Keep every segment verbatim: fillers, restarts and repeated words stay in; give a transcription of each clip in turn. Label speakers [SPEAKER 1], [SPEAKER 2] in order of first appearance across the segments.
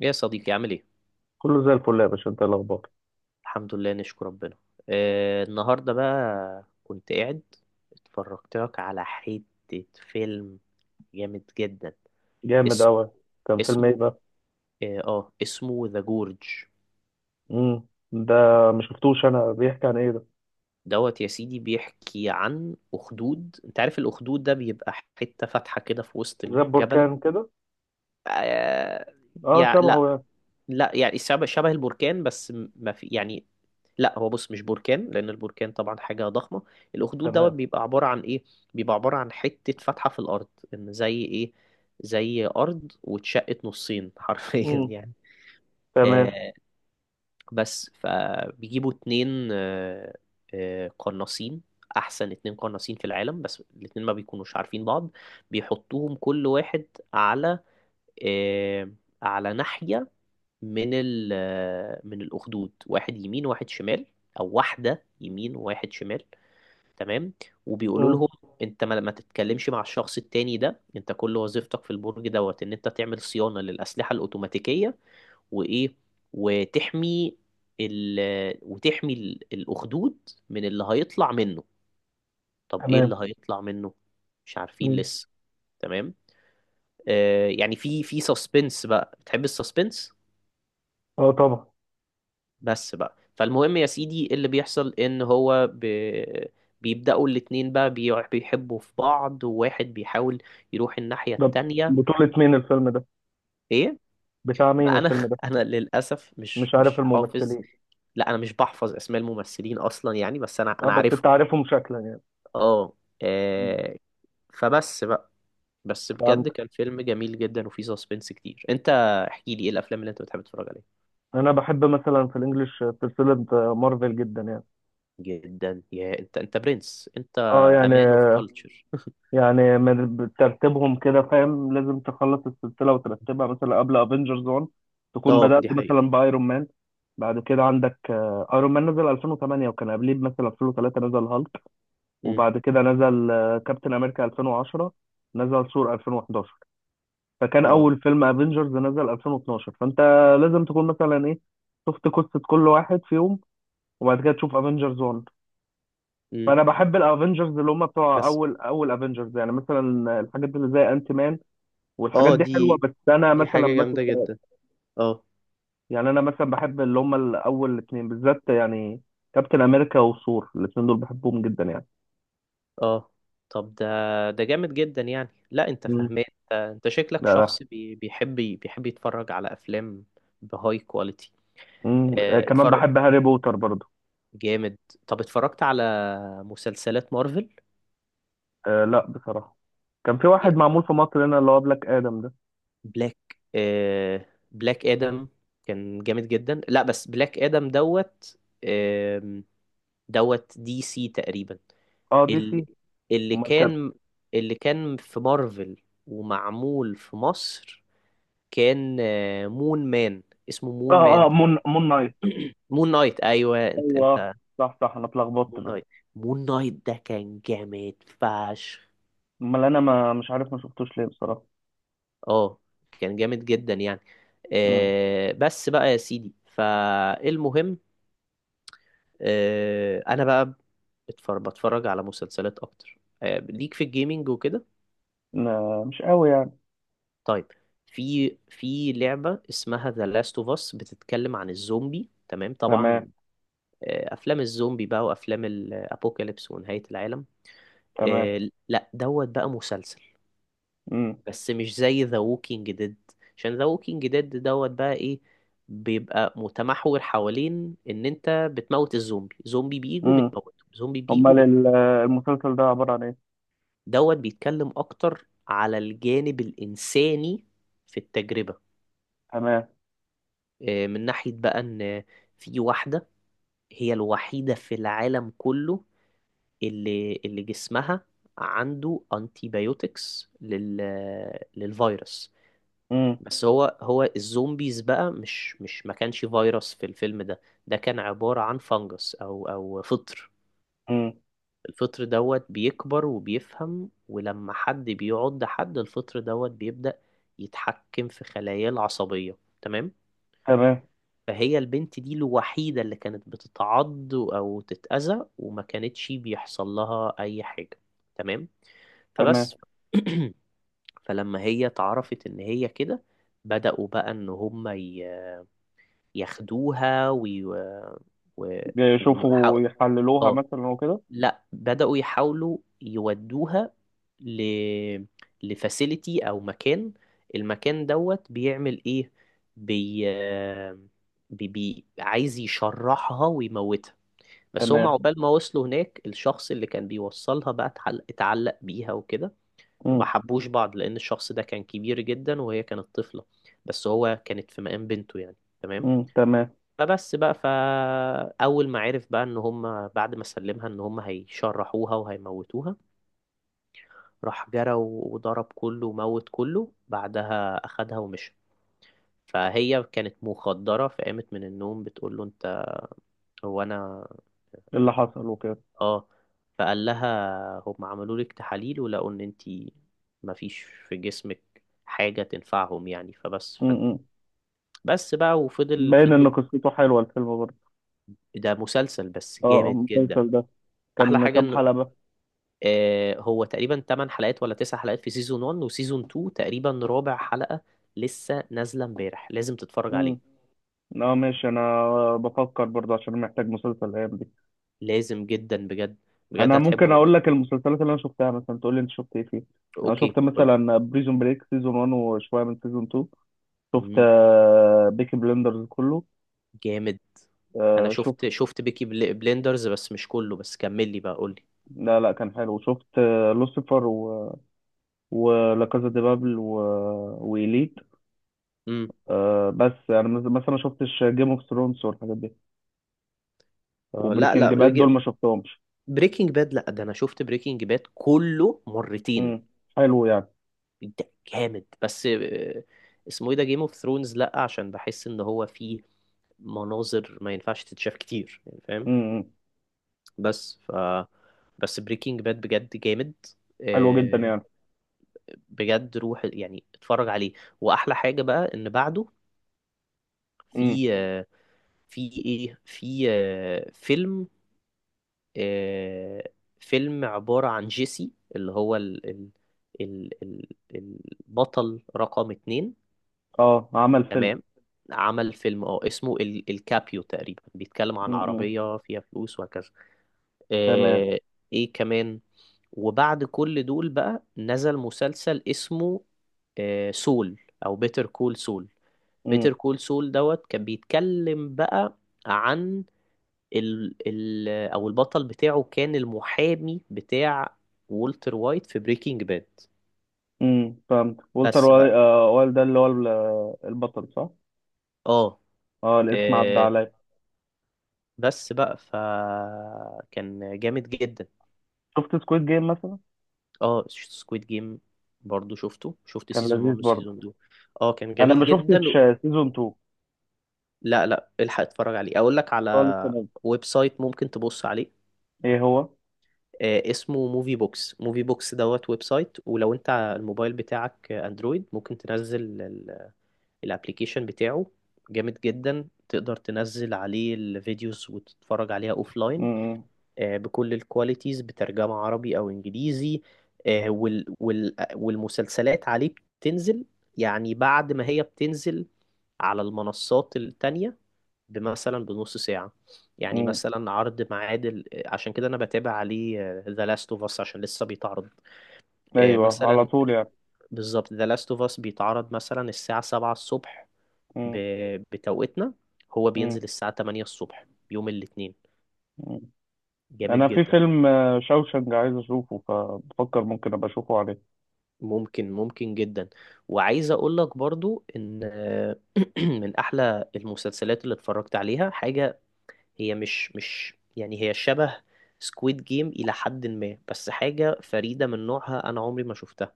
[SPEAKER 1] يا صديقي عامل ايه؟
[SPEAKER 2] كله زي الفل يا باشا، انت ايه الاخبار؟
[SPEAKER 1] الحمد لله، نشكر ربنا. آه، النهارده بقى كنت قاعد، اتفرجت لك على حتة فيلم جامد جدا.
[SPEAKER 2] جامد
[SPEAKER 1] اسمه
[SPEAKER 2] قوي. كان فيلم ايه
[SPEAKER 1] اسمه
[SPEAKER 2] بقى؟
[SPEAKER 1] اه آه، اسمه ذا جورج
[SPEAKER 2] امم ده، ما شفتوش. انا بيحكي عن ايه ده؟
[SPEAKER 1] دوت. يا سيدي بيحكي عن أخدود، انت عارف الأخدود ده بيبقى حتة فاتحة كده في وسط
[SPEAKER 2] زي
[SPEAKER 1] الجبل.
[SPEAKER 2] البركان كده؟
[SPEAKER 1] آه
[SPEAKER 2] اه،
[SPEAKER 1] يعني
[SPEAKER 2] شبهه
[SPEAKER 1] لا،
[SPEAKER 2] يعني.
[SPEAKER 1] لا يعني شبه شبه البركان، بس م- ما في يعني. لا، هو بص مش بركان، لان البركان طبعا حاجه ضخمه. الاخدود دوت
[SPEAKER 2] تمام.
[SPEAKER 1] بيبقى عباره عن ايه؟ بيبقى عباره عن حته فتحه في الارض. ان زي ايه؟ زي ارض واتشقت نصين حرفيا
[SPEAKER 2] امم.
[SPEAKER 1] يعني.
[SPEAKER 2] تمام.
[SPEAKER 1] آه، بس فبيجيبوا اتنين، آه، آه، قناصين. احسن اتنين قناصين في العالم، بس الاتنين ما بيكونوش عارفين بعض. بيحطوهم كل واحد على، آه، على ناحيه من ال من الأخدود، واحد يمين واحد شمال، أو واحدة يمين وواحد شمال، تمام. وبيقولوا
[SPEAKER 2] امم.
[SPEAKER 1] لهم، أنت ما, ما تتكلمش مع الشخص التاني ده، أنت كل وظيفتك في البرج دوت إن أنت تعمل صيانة للأسلحة الأوتوماتيكية، وإيه، وتحمي ال، وتحمي ال- الأخدود من اللي هيطلع منه. طب إيه
[SPEAKER 2] تمام.
[SPEAKER 1] اللي هيطلع منه؟ مش عارفين
[SPEAKER 2] امم.
[SPEAKER 1] لسه، تمام. آه يعني في، في سسبنس بقى، بتحب السسبنس؟
[SPEAKER 2] اه، طبعا.
[SPEAKER 1] بس بقى، فالمهم يا سيدي إيه اللي بيحصل، ان هو ب... بيبدأوا الاتنين بقى بي... بيحبوا في بعض، وواحد بيحاول يروح الناحية
[SPEAKER 2] ده
[SPEAKER 1] التانية.
[SPEAKER 2] بطولة مين الفيلم ده؟
[SPEAKER 1] ايه؟
[SPEAKER 2] بتاع مين
[SPEAKER 1] ما
[SPEAKER 2] الفيلم
[SPEAKER 1] انا
[SPEAKER 2] ده؟
[SPEAKER 1] انا للأسف مش
[SPEAKER 2] مش عارف
[SPEAKER 1] مش حافظ.
[SPEAKER 2] الممثلين.
[SPEAKER 1] لا، انا مش بحفظ اسماء الممثلين اصلا يعني، بس انا
[SPEAKER 2] اه،
[SPEAKER 1] انا
[SPEAKER 2] بس انت
[SPEAKER 1] عارفهم.
[SPEAKER 2] عارفهم شكلا يعني.
[SPEAKER 1] اه،
[SPEAKER 2] مم.
[SPEAKER 1] آه، فبس بقى، بس بجد
[SPEAKER 2] فهمت.
[SPEAKER 1] كان فيلم جميل جدا وفيه سسبنس كتير. انت احكي لي ايه الافلام اللي انت بتحب تتفرج عليها؟
[SPEAKER 2] انا بحب مثلا في الانجليش سلسلة مارفل جدا يعني.
[SPEAKER 1] جدا يا انت، انت برنس انت،
[SPEAKER 2] اه، يعني.
[SPEAKER 1] امان اوف كلتشر.
[SPEAKER 2] يعني من ترتيبهم كده فاهم، لازم تخلص السلسلة وترتبها مثلا قبل افنجرز ون تكون
[SPEAKER 1] اه
[SPEAKER 2] بدأت
[SPEAKER 1] دي حقيقة.
[SPEAKER 2] مثلا بايرون مان. بعد كده عندك ايرون مان نزل ألفين وتمانية، وكان قبليه مثلا ألفين وتلاتة نزل هالك،
[SPEAKER 1] إمم.
[SPEAKER 2] وبعد كده نزل كابتن امريكا ألفين وعشرة، نزل ثور ألفين وحداشر، فكان
[SPEAKER 1] اه،
[SPEAKER 2] اول فيلم افنجرز نزل ألفين واتناشر. فانت لازم تكون مثلا ايه، شفت قصة كل واحد فيهم وبعد كده تشوف افنجرز واحد.
[SPEAKER 1] امم،
[SPEAKER 2] فانا بحب الافنجرز اللي هم بتوع
[SPEAKER 1] بس
[SPEAKER 2] اول اول افنجرز، يعني مثلا الحاجات اللي زي انت مان، والحاجات
[SPEAKER 1] اه
[SPEAKER 2] دي حلوه.
[SPEAKER 1] دي،
[SPEAKER 2] بس انا
[SPEAKER 1] دي
[SPEAKER 2] مثلا
[SPEAKER 1] حاجة
[SPEAKER 2] ماسك،
[SPEAKER 1] جامدة جدا. اه،
[SPEAKER 2] يعني انا مثلا بحب اللي هم الاول اتنين بالذات يعني. كابتن امريكا وثور، الاتنين دول بحبهم جدا يعني.
[SPEAKER 1] اه، طب ده، ده جامد جدا يعني، لا انت
[SPEAKER 2] مم.
[SPEAKER 1] فاهمان. انت انت شكلك
[SPEAKER 2] لا، لا.
[SPEAKER 1] شخص بي- بيحب بيحب يتفرج على افلام بهاي كواليتي.
[SPEAKER 2] مم. آه،
[SPEAKER 1] اه،
[SPEAKER 2] كمان
[SPEAKER 1] اتفرج،
[SPEAKER 2] بحب هاري بوتر برضه.
[SPEAKER 1] جامد. طب اتفرجت على مسلسلات مارفل؟
[SPEAKER 2] آه، لا بصراحه. كان في واحد معمول في مصر هنا اللي هو بلاك ادم ده.
[SPEAKER 1] بلاك، اه، بلاك ادم كان جامد جدا، لا بس بلاك ادم دوت، ام، دوت دي سي تقريبا.
[SPEAKER 2] اه، دي سي.
[SPEAKER 1] اللي، اللي
[SPEAKER 2] امال كان؟
[SPEAKER 1] كان، اللي كان في مارفل ومعمول في مصر كان، آه، مون مان، اسمه مون
[SPEAKER 2] اه،
[SPEAKER 1] مان
[SPEAKER 2] اه، مون مون نايت.
[SPEAKER 1] مون نايت، ايوه انت،
[SPEAKER 2] ايوه،
[SPEAKER 1] انت
[SPEAKER 2] صح، صح، انا اتلخبطت
[SPEAKER 1] مون
[SPEAKER 2] بس.
[SPEAKER 1] نايت. مون نايت ده كان جامد فشخ.
[SPEAKER 2] امال انا ما مش عارف، ما شفتوش ليه بصراحه.
[SPEAKER 1] اه، كان جامد جدا يعني.
[SPEAKER 2] امم.
[SPEAKER 1] آه، بس بقى يا سيدي فالمهم، آه انا بقى بتفرج بتفرج على مسلسلات اكتر، آه ليك في الجيمينج وكده.
[SPEAKER 2] ما- مش قوي يعني.
[SPEAKER 1] طيب، في في لعبة اسمها ذا لاست اوف اس، بتتكلم عن الزومبي، تمام
[SPEAKER 2] تمام.
[SPEAKER 1] طبعا. آه، افلام الزومبي بقى، وافلام الابوكاليبس ونهاية العالم.
[SPEAKER 2] تمام.
[SPEAKER 1] آه، لا دوت بقى مسلسل،
[SPEAKER 2] امم.
[SPEAKER 1] بس مش زي ذا ووكينج ديد، عشان ذا ووكينج ديد دوت بقى ايه، بيبقى متمحور حوالين ان انت بتموت الزومبي، زومبي بيجوا
[SPEAKER 2] امم.
[SPEAKER 1] بتموته، زومبي بيجوا
[SPEAKER 2] امال
[SPEAKER 1] بت...
[SPEAKER 2] ال- المسلسل ده عباره عن ايه؟
[SPEAKER 1] دوت بيتكلم اكتر على الجانب الانساني في التجربة.
[SPEAKER 2] تمام.
[SPEAKER 1] آه، من ناحية بقى ان في واحدة، هي الوحيدة في العالم كله، اللي اللي جسمها عنده انتيبيوتكس لل للفيروس.
[SPEAKER 2] امم.
[SPEAKER 1] بس هو، هو الزومبيز بقى مش مش ما كانش فيروس في الفيلم ده، ده كان عبارة عن فانجس او، او فطر.
[SPEAKER 2] امم.
[SPEAKER 1] الفطر دوت بيكبر وبيفهم، ولما حد بيعض حد الفطر دوت بيبدأ يتحكم في خلاياه العصبية، تمام.
[SPEAKER 2] تمام.
[SPEAKER 1] فهي البنت دي الوحيدة اللي كانت بتتعض أو تتأذى وما كانتش بيحصل لها أي حاجة، تمام.
[SPEAKER 2] تمام.
[SPEAKER 1] فبس فلما هي اتعرفت إن هي كده، بدأوا بقى إن هما ي- ياخدوها وي... و...
[SPEAKER 2] يشوفوا
[SPEAKER 1] ويحاول...
[SPEAKER 2] يحللوها
[SPEAKER 1] اه
[SPEAKER 2] مثلا وكده.
[SPEAKER 1] لا، بدأوا يحاولوا يودوها ل، لفاسيليتي او مكان. المكان دوت بيعمل ايه؟ بي... بي... بي عايز يشرحها ويموتها، بس هم
[SPEAKER 2] تمام.
[SPEAKER 1] عقبال ما وصلوا هناك الشخص اللي كان بيوصلها بقى اتعلق, اتعلق بيها وكده. ما
[SPEAKER 2] امم.
[SPEAKER 1] حبوش بعض لان الشخص ده كان كبير جدا وهي كانت طفلة، بس هو كانت في مقام بنته يعني، تمام.
[SPEAKER 2] امم. تمام.
[SPEAKER 1] فبس بقى، فأول ما عرف بقى إن هم بعد ما سلمها إن هم هيشرحوها وهيموتوها، راح جرى وضرب كله وموت كله، بعدها أخدها ومشى. فهي كانت مخدرة، فقامت من النوم بتقول له أنت، هو أنا،
[SPEAKER 2] إيه اللي
[SPEAKER 1] أنا،
[SPEAKER 2] حصل وكده؟
[SPEAKER 1] آه. فقال لها هم عملوا لك تحاليل ولقوا إن أنت مفيش في جسمك حاجة تنفعهم يعني، فبس ف...
[SPEAKER 2] امم.
[SPEAKER 1] بس بقى، وفضل
[SPEAKER 2] باين
[SPEAKER 1] فضلوا.
[SPEAKER 2] ان قصته حلوه الفيلم برضه.
[SPEAKER 1] ده مسلسل بس
[SPEAKER 2] اه، آه،
[SPEAKER 1] جامد جدا.
[SPEAKER 2] المسلسل ده
[SPEAKER 1] احلى
[SPEAKER 2] كان
[SPEAKER 1] حاجه
[SPEAKER 2] كام
[SPEAKER 1] ان،
[SPEAKER 2] حلقه بقى؟
[SPEAKER 1] آه، هو تقريبا ثمانية حلقات ولا تسع حلقات في سيزون واحد، وسيزون اتنين تقريبا رابع حلقة لسه نازلة امبارح، لازم تتفرج عليه.
[SPEAKER 2] امم. اه، ماشي. انا بفكر برضه، عشان محتاج مسلسل الايام دي.
[SPEAKER 1] لازم جدا بجد، بجد
[SPEAKER 2] انا
[SPEAKER 1] هتحبه
[SPEAKER 2] ممكن اقول
[SPEAKER 1] جدا.
[SPEAKER 2] لك المسلسلات اللي انا شفتها، مثلا تقول لي انت شفت ايه فيه. انا
[SPEAKER 1] اوكي
[SPEAKER 2] شفت
[SPEAKER 1] قول.
[SPEAKER 2] مثلا بريزون بريك سيزون ون وشويه من سيزون تو. شفت
[SPEAKER 1] مم،
[SPEAKER 2] بيكي بلندرز كله.
[SPEAKER 1] جامد. انا
[SPEAKER 2] آه، شفت.
[SPEAKER 1] شفت، شفت بيكي بل- بليندرز بس مش كله، بس كمل لي بقى قول لي.
[SPEAKER 2] لا، لا، كان حلو. شفت، آه، لوسيفر، و ولا كازا دي بابل، و وإليت.
[SPEAKER 1] امم،
[SPEAKER 2] آه، بس يعني مز- مثلا ما شفتش جيم اوف ثرونز والحاجات دي.
[SPEAKER 1] آه، لا
[SPEAKER 2] وبريكنج
[SPEAKER 1] لا.
[SPEAKER 2] باد دول ما شفتهمش.
[SPEAKER 1] بريكنج باد، لا ده انا شفت بريكنج باد كله مرتين.
[SPEAKER 2] امم. حلو يعني.
[SPEAKER 1] ده جامد، بس آه، اسمه ايه ده، جيم اوف ثرونز، لا عشان بحس ان هو فيه مناظر ما ينفعش تتشاف كتير يعني، فاهم؟
[SPEAKER 2] امم.
[SPEAKER 1] بس ف، بس بريكنج باد بجد جامد،
[SPEAKER 2] حلو جدا
[SPEAKER 1] آه،
[SPEAKER 2] يعني.
[SPEAKER 1] بجد روح يعني اتفرج عليه. واحلى حاجة بقى ان بعده
[SPEAKER 2] امم.
[SPEAKER 1] في، آه، في ايه، في، آه، فيلم، آه، فيلم عبارة عن جيسي، اللي هو ال، ال، ال، ال البطل رقم اتنين،
[SPEAKER 2] اه، عمل فيلم.
[SPEAKER 1] تمام. عمل فيلم، اه اسمه ال- الكابيو تقريبا، بيتكلم عن
[SPEAKER 2] امم.
[SPEAKER 1] عربية فيها فلوس وهكذا.
[SPEAKER 2] تمام.
[SPEAKER 1] آه، ايه كمان، وبعد كل دول بقى نزل مسلسل اسمه، آه، سول، او بيتر كول سول.
[SPEAKER 2] امم.
[SPEAKER 1] بيتر كول سول دوت كان بيتكلم بقى عن ال، ال، او البطل بتاعه كان المحامي بتاع وولتر وايت في بريكنج باد.
[SPEAKER 2] امم. فهمت. والتر
[SPEAKER 1] بس
[SPEAKER 2] واي-
[SPEAKER 1] بقى
[SPEAKER 2] آه، وايلد ده اللي هو ال- البطل، صح؟
[SPEAKER 1] اه،
[SPEAKER 2] اه، الاسم عدى
[SPEAKER 1] آه،
[SPEAKER 2] عليا.
[SPEAKER 1] بس بقى فكان جامد جدا.
[SPEAKER 2] شفت سكويد جيم مثلا؟
[SPEAKER 1] اه سكويد جيم، برضو شفته، شفت
[SPEAKER 2] كان
[SPEAKER 1] سيزون
[SPEAKER 2] لذيذ
[SPEAKER 1] واحد
[SPEAKER 2] برضه.
[SPEAKER 1] وسيزون اتنين. اه كان
[SPEAKER 2] انا
[SPEAKER 1] جميل
[SPEAKER 2] ما
[SPEAKER 1] جدا.
[SPEAKER 2] شفتش سيزون تو.
[SPEAKER 1] لا لا، الحق اتفرج عليه، اقول لك على
[SPEAKER 2] اه، لسه نازل
[SPEAKER 1] ويب سايت ممكن تبص عليه.
[SPEAKER 2] ايه
[SPEAKER 1] آه، اسمه موفي بوكس، موفي بوكس دوت ويب سايت، ولو انت الموبايل بتاعك اندرويد ممكن تنزل الابليكيشن بتاعه، جامد جدا. تقدر تنزل عليه الفيديوز وتتفرج عليها اوفلاين،
[SPEAKER 2] هو.
[SPEAKER 1] بكل الكواليتيز، بترجمة عربي او انجليزي. آه، وال وال والمسلسلات عليه بتنزل، يعني بعد ما هي بتنزل على المنصات التانية مثلا بنص ساعة، يعني
[SPEAKER 2] مم.
[SPEAKER 1] مثلا عرض معادل، عشان كده انا بتابع عليه ذا لاست اوف اس عشان لسه بيتعرض. آه،
[SPEAKER 2] ايوه، على
[SPEAKER 1] مثلا
[SPEAKER 2] طول يعني.
[SPEAKER 1] بالظبط ذا لاست اوف اس بيتعرض مثلا الساعة سبعة الصبح، ب...
[SPEAKER 2] مم.
[SPEAKER 1] بتوقيتنا. هو بينزل
[SPEAKER 2] مم.
[SPEAKER 1] الساعة تمانية الصبح يوم الاثنين،
[SPEAKER 2] مم.
[SPEAKER 1] جامد
[SPEAKER 2] انا في
[SPEAKER 1] جدا.
[SPEAKER 2] فيلم آه، شوشنج عايز اشوفه، فبفكر ممكن ابقى اشوفه عليه.
[SPEAKER 1] ممكن، ممكن جدا. وعايز اقول لك برضو ان من احلى المسلسلات اللي اتفرجت عليها حاجة، هي مش مش يعني هي شبه سكويد جيم إلى حد ما، بس حاجة فريدة من نوعها أنا عمري ما شفتها.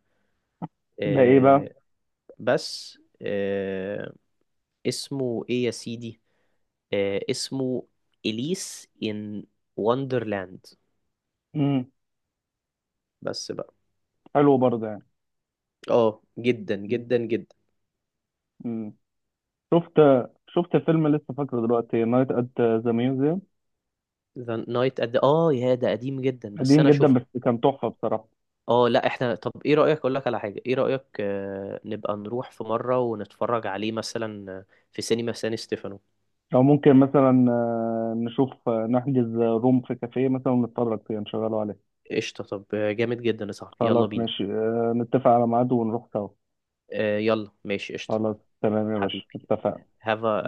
[SPEAKER 2] ده ايه بقى؟
[SPEAKER 1] آه، بس آه، اسمه إيه يا سيدي؟ آه، اسمه إليس إن وندرلاند.
[SPEAKER 2] امم.
[SPEAKER 1] بس بقى
[SPEAKER 2] حلو برضه يعني.
[SPEAKER 1] اه، جدا جدا جدا.
[SPEAKER 2] امم. شفت شفت فيلم لسه فاكره دلوقتي نايت ات ذا ميوزيوم.
[SPEAKER 1] ذا نايت، قد اه يا ده قديم جدا، بس
[SPEAKER 2] قديم
[SPEAKER 1] انا
[SPEAKER 2] جدا
[SPEAKER 1] شفته.
[SPEAKER 2] بس كان تحفه بصراحه.
[SPEAKER 1] اه لا، احنا طب ايه رأيك، اقول لك على حاجة، ايه رأيك آه، نبقى نروح في مرة ونتفرج عليه مثلا، آه، في سينما سان ستيفانو.
[SPEAKER 2] او ممكن مثلا، آه، نشوف، آه، نحجز روم في كافيه مثلا ونتفرج فيه، نشغله عليه.
[SPEAKER 1] قشطة، طب آه، جامد جدا يا صاحبي، يلا
[SPEAKER 2] خلاص
[SPEAKER 1] بينا.
[SPEAKER 2] ماشي، آه، نتفق على ميعاد ونروح سوا.
[SPEAKER 1] آه، يلا ماشي قشطة.
[SPEAKER 2] خلاص. تمام يا باشا،
[SPEAKER 1] حبيبي،
[SPEAKER 2] اتفقنا.
[SPEAKER 1] have a